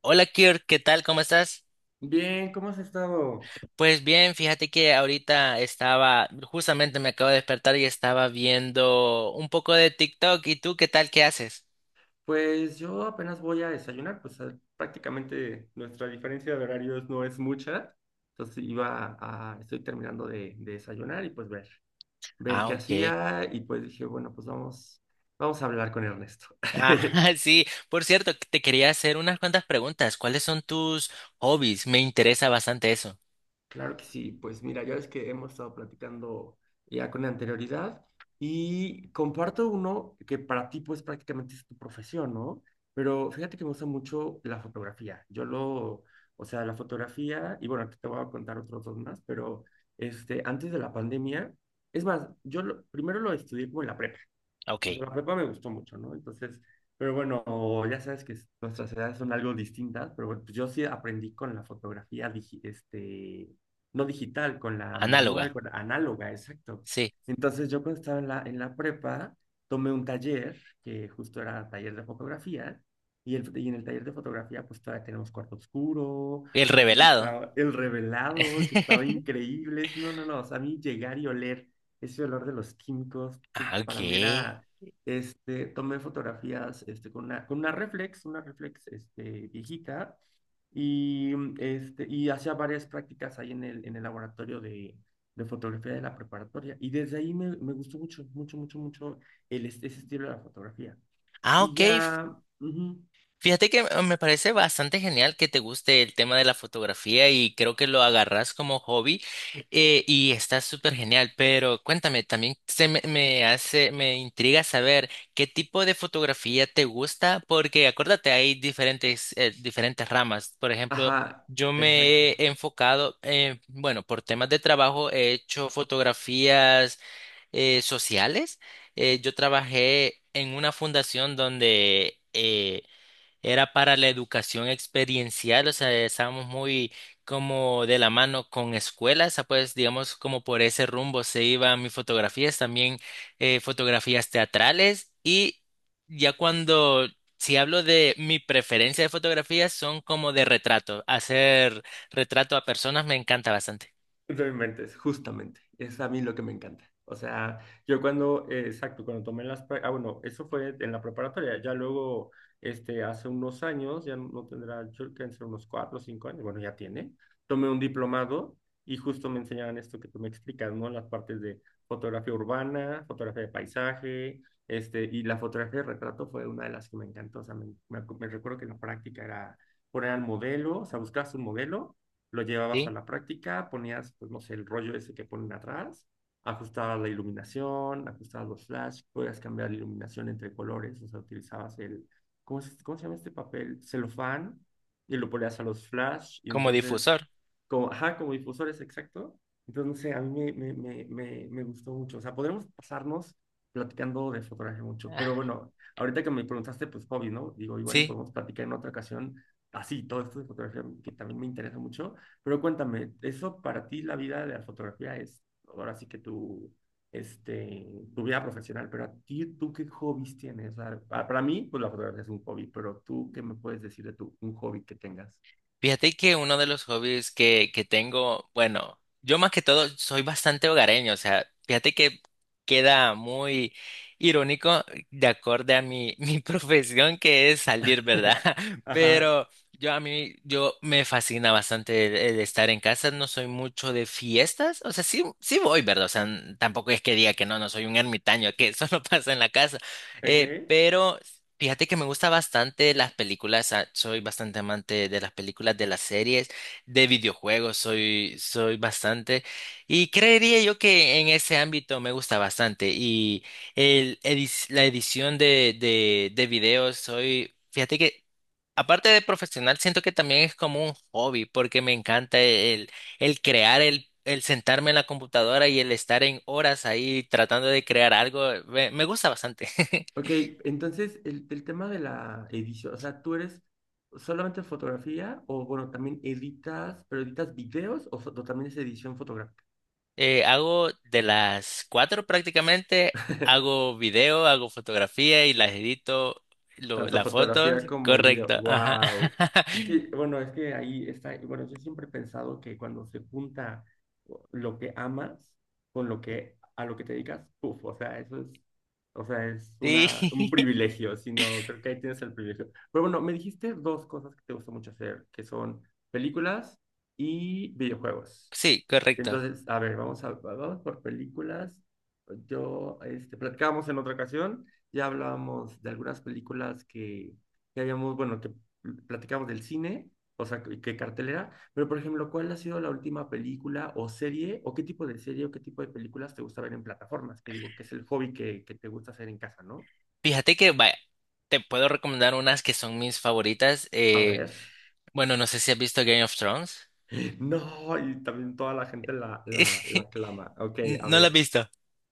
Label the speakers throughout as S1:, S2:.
S1: Hola Kirk, ¿qué tal? ¿Cómo estás?
S2: Bien, ¿cómo has estado?
S1: Pues bien, fíjate que ahorita estaba, justamente me acabo de despertar y estaba viendo un poco de TikTok. ¿Y tú qué tal? ¿Qué haces?
S2: Pues yo apenas voy a desayunar, pues prácticamente nuestra diferencia de horarios no es mucha. Entonces iba a, estoy terminando de desayunar y pues ver, ver
S1: Ah,
S2: qué
S1: ok.
S2: hacía y pues dije, bueno, pues vamos, vamos a hablar con Ernesto.
S1: Ah, sí. Por cierto, te quería hacer unas cuantas preguntas. ¿Cuáles son tus hobbies? Me interesa bastante eso.
S2: Claro que sí, pues mira, ya ves que hemos estado platicando ya con anterioridad y comparto uno que para ti pues prácticamente es tu profesión, ¿no? Pero fíjate que me gusta mucho la fotografía. Yo lo, o sea, La fotografía, y bueno, aquí te voy a contar otros dos más, pero antes de la pandemia, es más, primero lo estudié como en la prepa,
S1: Ok.
S2: pues la prepa me gustó mucho, ¿no? Entonces, pero bueno, ya sabes que nuestras edades son algo distintas, pero bueno, pues yo sí aprendí con la fotografía, no digital, con la manual,
S1: Análoga.
S2: con la análoga, exacto.
S1: Sí.
S2: Entonces yo cuando estaba en la prepa, tomé un taller, que justo era taller de fotografía, y en el taller de fotografía pues todavía tenemos cuarto oscuro,
S1: El revelado.
S2: utilizaba el revelado, que estaba increíble, sí, no, o sea, a mí llegar y oler ese olor de los químicos, puf,
S1: Ah, ok.
S2: para mí era tomé fotografías con una reflex viejita, y hacía varias prácticas ahí en el laboratorio de fotografía de la preparatoria. Y desde ahí me gustó mucho, mucho, mucho, mucho ese estilo de la fotografía.
S1: Ah,
S2: Y
S1: ok.
S2: ya, ujú,
S1: Fíjate que me parece bastante genial que te guste el tema de la fotografía y creo que lo agarras como hobby, y está súper genial, pero cuéntame, también me hace, me intriga saber qué tipo de fotografía te gusta, porque acuérdate, hay diferentes, diferentes ramas. Por ejemplo,
S2: ajá,
S1: yo
S2: exacto.
S1: me he enfocado, bueno, por temas de trabajo he hecho fotografías sociales. Yo trabajé en una fundación donde era para la educación experiencial, o sea, estábamos muy como de la mano con escuelas, ah, pues digamos como por ese rumbo se iban mis fotografías, también fotografías teatrales y ya cuando, si hablo de mi preferencia de fotografías, son como de retrato, hacer retrato a personas me encanta bastante,
S2: No inventes, justamente. Es a mí lo que me encanta. O sea, yo cuando, exacto, cuando tomé Ah, bueno, eso fue en la preparatoria. Ya luego, hace unos años, ya no tendrá, yo creo que ser unos cuatro o cinco años, bueno, ya tiene. Tomé un diplomado y justo me enseñaban esto que tú me explicas, ¿no? Las partes de fotografía urbana, fotografía de paisaje, y la fotografía de retrato fue una de las que me encantó. O sea, me recuerdo que la práctica era poner al modelo, o sea, buscabas un modelo, lo llevabas a
S1: ¿sí?
S2: la práctica, ponías, pues no sé, el rollo ese que ponen atrás, ajustabas la iluminación, ajustabas los flash, podías cambiar la iluminación entre colores, o sea, utilizabas ¿cómo cómo se llama este papel? Celofán, y lo ponías a los flash, y
S1: Como
S2: entonces,
S1: difusor.
S2: como, ajá, como difusores, exacto. Entonces, no sé, a mí me gustó mucho. O sea, podremos pasarnos platicando de fotografía mucho, pero
S1: Ah,
S2: bueno, ahorita que me preguntaste, pues hobby, ¿no? Digo, igual y
S1: sí.
S2: podemos platicar en otra ocasión así, todo esto de fotografía que también me interesa mucho, pero cuéntame, eso para ti la vida de la fotografía es ahora sí que este, tu vida profesional, pero a ti, ¿tú qué hobbies tienes? O sea, para mí, pues la fotografía es un hobby, pero tú, ¿qué me puedes decir de tu, un hobby que tengas?
S1: Fíjate que uno de los hobbies que tengo, bueno, yo más que todo soy bastante hogareño, o sea, fíjate que queda muy irónico de acorde a mi, mi profesión que es salir, ¿verdad?
S2: Ajá,
S1: Pero yo me fascina bastante el estar en casa, no soy mucho de fiestas, o sea, sí, sí voy, ¿verdad? O sea, tampoco es que diga que no, no soy un ermitaño, que eso no pasa en la casa, eh,
S2: ok.
S1: pero Fíjate que me gusta bastante las películas, ah, soy bastante amante de las películas, de las series, de videojuegos, soy bastante. Y creería yo que en ese ámbito me gusta bastante. Y la edición de videos, soy, fíjate que aparte de profesional, siento que también es como un hobby, porque me encanta el crear, el sentarme en la computadora y el estar en horas ahí tratando de crear algo, me gusta bastante.
S2: Ok, entonces el tema de la edición, o sea, ¿tú eres solamente fotografía o bueno, también editas, pero editas videos o también es edición fotográfica?
S1: Hago de las cuatro prácticamente, hago video, hago fotografía y las edito,
S2: Tanto
S1: las
S2: fotografía
S1: fotos,
S2: como el video.
S1: correcto, ajá.
S2: ¡Wow! Es que, bueno, es que ahí está. Bueno, yo siempre he pensado que cuando se junta lo que amas con lo que a lo que te dedicas, ¡puf! O sea, eso es, o sea, es
S1: Sí,
S2: una, un privilegio, sino creo que ahí tienes el privilegio. Pero bueno, me dijiste dos cosas que te gusta mucho hacer, que son películas y videojuegos.
S1: sí, correcto.
S2: Entonces, a ver, vamos a, vamos por películas. Yo, platicábamos en otra ocasión, ya hablábamos de algunas películas que habíamos, bueno, que platicábamos del cine, o sea, que cartelera, pero por ejemplo, ¿cuál ha sido la última película o serie, o qué tipo de serie o qué tipo de películas te gusta ver en plataformas? Que digo, que es el hobby que te gusta hacer en casa, ¿no?
S1: Fíjate que vaya, te puedo recomendar unas que son mis favoritas.
S2: A ver.
S1: Bueno, no sé si has visto Game of Thrones.
S2: No, y también toda la gente la clama. Ok, a
S1: No la has
S2: ver.
S1: visto.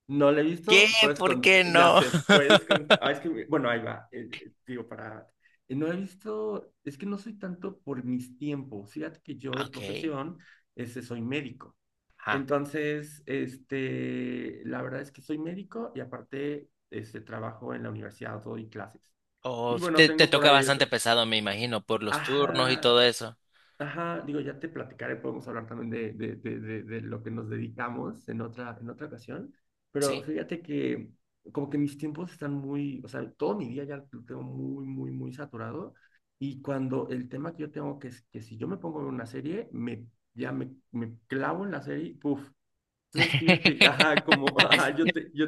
S2: No la he
S1: ¿Qué?
S2: visto, puedes
S1: ¿Por qué
S2: ya
S1: no?
S2: sé, puedes contar. Ah, es que, bueno, ahí va. Digo, para. No he visto, es que no soy tanto por mis tiempos. Fíjate que yo de
S1: Ok.
S2: profesión, soy médico.
S1: Ajá.
S2: Entonces, la verdad es que soy médico y aparte, trabajo en la universidad, doy clases.
S1: Oh,
S2: Y bueno,
S1: te
S2: tengo por
S1: toca
S2: ahí
S1: bastante
S2: otras.
S1: pesado, me imagino, por los turnos y
S2: Ajá,
S1: todo eso.
S2: ajá, digo, ya te platicaré, podemos hablar también de lo que nos dedicamos en otra ocasión, pero
S1: Sí.
S2: fíjate que como que mis tiempos están muy, o sea, todo mi día ya lo tengo muy, muy, muy saturado y cuando el tema que yo tengo, que es que si yo me pongo a ver una serie, me clavo en la serie, y puf. Entonces, fíjate, ajá, como, ajá,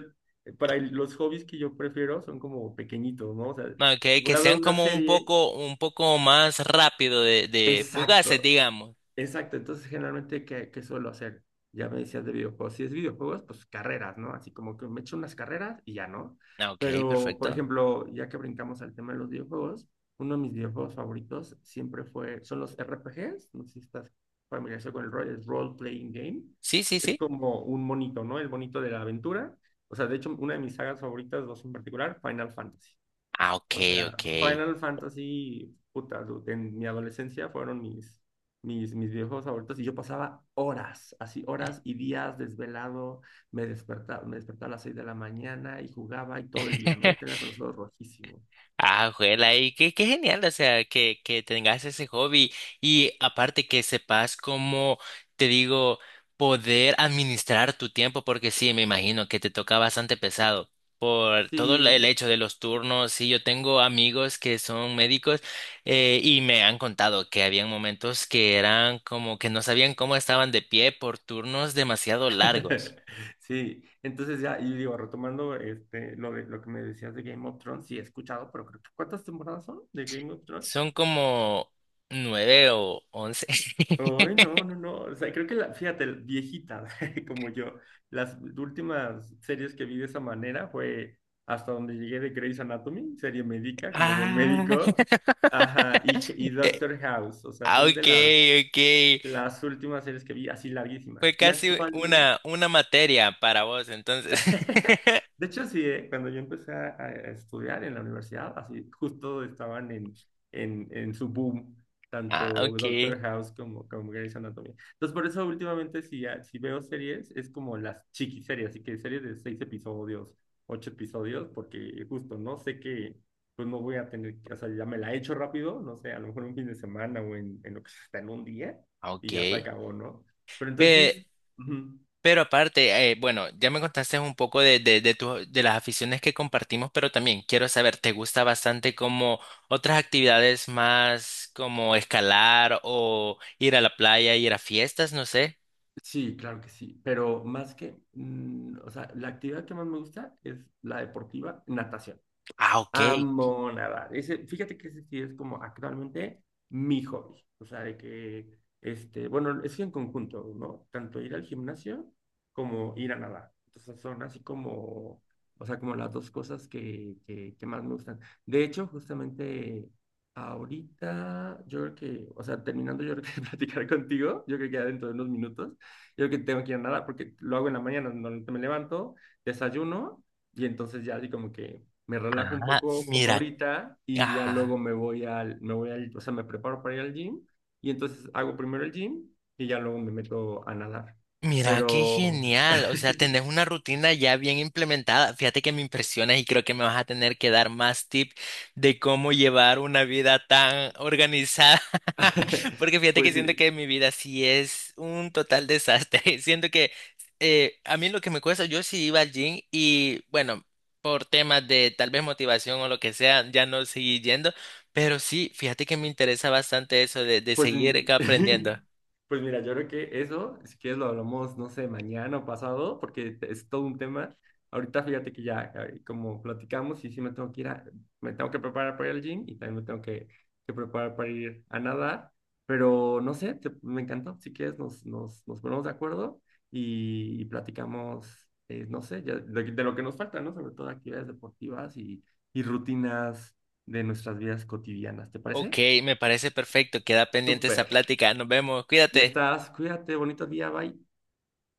S2: para los hobbies que yo prefiero son como pequeñitos, ¿no? O sea,
S1: No,
S2: si
S1: que
S2: voy a ver
S1: sean
S2: una
S1: como
S2: serie...
S1: un poco más rápido de fugaces,
S2: Exacto.
S1: digamos.
S2: Exacto, entonces generalmente, ¿qué, qué suelo hacer? Ya me decías de videojuegos. Si es videojuegos, pues carreras, ¿no? Así como que me echo unas carreras y ya, ¿no?
S1: Ah, ok,
S2: Pero, por
S1: perfecto.
S2: ejemplo, ya que brincamos al tema de los videojuegos, uno de mis videojuegos favoritos siempre fue, son los RPGs, no sé si estás familiarizado con el rol, es Role Playing Game.
S1: Sí, sí,
S2: Es
S1: sí.
S2: como un monito, ¿no? El monito de la aventura. O sea, de hecho, una de mis sagas favoritas, dos en particular, Final Fantasy.
S1: Ah, ok,
S2: O sea,
S1: ok.
S2: Final Fantasy, puta, dude, en mi adolescencia fueron mis videojuegos favoritos y yo pasaba horas, así horas y días desvelado, me despertaba a las 6 de la mañana y jugaba y todo el día, ¿no? Yo tenía con los ojos rojísimos.
S1: Ah, juela, y qué, qué genial, o sea, que tengas ese hobby y aparte que sepas cómo, te digo, poder administrar tu tiempo, porque sí, me imagino que te toca bastante pesado por todo el
S2: Sí,
S1: hecho de los turnos. Sí, yo tengo amigos que son médicos, y me han contado que habían momentos que eran como que no sabían cómo estaban de pie por turnos demasiado largos.
S2: sí. Entonces ya, y digo, retomando lo que me decías de Game of Thrones, sí he escuchado, pero creo que ¿cuántas temporadas son de Game of Thrones?
S1: Son como nueve o once.
S2: Ay, no. O sea, creo que la, fíjate, viejita, como yo, las últimas series que vi de esa manera fue hasta donde llegué de Grey's Anatomy, serie médica, como buen
S1: Ah.
S2: médico. Ajá, y Doctor House. O sea,
S1: Ah,
S2: son de
S1: ok, ok.
S2: las últimas series que vi así larguísimas.
S1: Fue
S2: Y
S1: casi
S2: actuales.
S1: una materia para vos, entonces.
S2: De hecho, sí, cuando yo empecé a estudiar en la universidad, así justo estaban en su boom,
S1: Ah,
S2: tanto
S1: ok,
S2: Doctor House como, como Grey's Anatomy. Entonces, por eso últimamente si veo series, es como las chiquiseries, así que series de 6 episodios, 8 episodios, porque justo no sé que, pues no voy a tener, o sea, ya me la he hecho rápido, no sé, a lo mejor un fin de semana o en lo que sea, hasta en un día,
S1: ok.
S2: y ya se acabó, ¿no? Pero entonces...
S1: Pe-
S2: ujú.
S1: pero aparte, bueno, ya me contaste un poco de las aficiones que compartimos, pero también quiero saber, ¿te gusta bastante como otras actividades más como escalar o ir a la playa, ir a fiestas? No sé.
S2: Sí, claro que sí, pero más que, mm, o sea, la actividad que más me gusta es la deportiva, natación.
S1: Ah, ok.
S2: Amo nadar. Ese, fíjate que ese sí es como actualmente mi hobby. O sea, de que, este, bueno, es en conjunto, ¿no? Tanto ir al gimnasio como ir a nadar. Entonces son así como, o sea, como las dos cosas que más me gustan. De hecho, justamente ahorita, yo creo que, o sea, terminando yo creo que de platicar contigo, yo creo que ya dentro de unos minutos, yo creo que tengo que ir a nadar porque lo hago en la mañana, normalmente me levanto, desayuno. Y entonces ya así como que me relajo un
S1: Ah,
S2: poco como
S1: mira.
S2: ahorita y ya luego
S1: Ajá.
S2: me voy al, o sea, me preparo para ir al gym y entonces hago primero el gym y ya luego me meto a nadar.
S1: Mira, qué
S2: Pero,
S1: genial. O sea, tenés una rutina ya bien implementada. Fíjate que me impresionas y creo que me vas a tener que dar más tips de cómo llevar una vida tan organizada. Porque fíjate que
S2: pues
S1: siento
S2: sí,
S1: que mi vida sí es un total desastre. Siento que a mí lo que me cuesta, yo sí iba al gym y bueno, por temas de tal vez motivación o lo que sea, ya no seguí yendo. Pero sí, fíjate que me interesa bastante eso de
S2: pues,
S1: seguir
S2: mm,
S1: aprendiendo.
S2: pues mira, yo creo que eso, si quieres lo hablamos, no sé, mañana o pasado, porque es todo un tema. Ahorita fíjate que ya, como platicamos, y sí me tengo que me tengo que preparar para ir al gym y también me tengo que preparar para ir a nadar, pero no sé, me encantó. Si quieres nos ponemos de acuerdo y platicamos, no sé, ya de lo que nos falta, ¿no? Sobre todo actividades deportivas y rutinas de nuestras vidas cotidianas, ¿te
S1: Ok,
S2: parece?
S1: me parece perfecto. Queda pendiente esa
S2: Súper.
S1: plática. Nos vemos.
S2: Ya
S1: Cuídate.
S2: estás. Cuídate. Bonito día. Bye.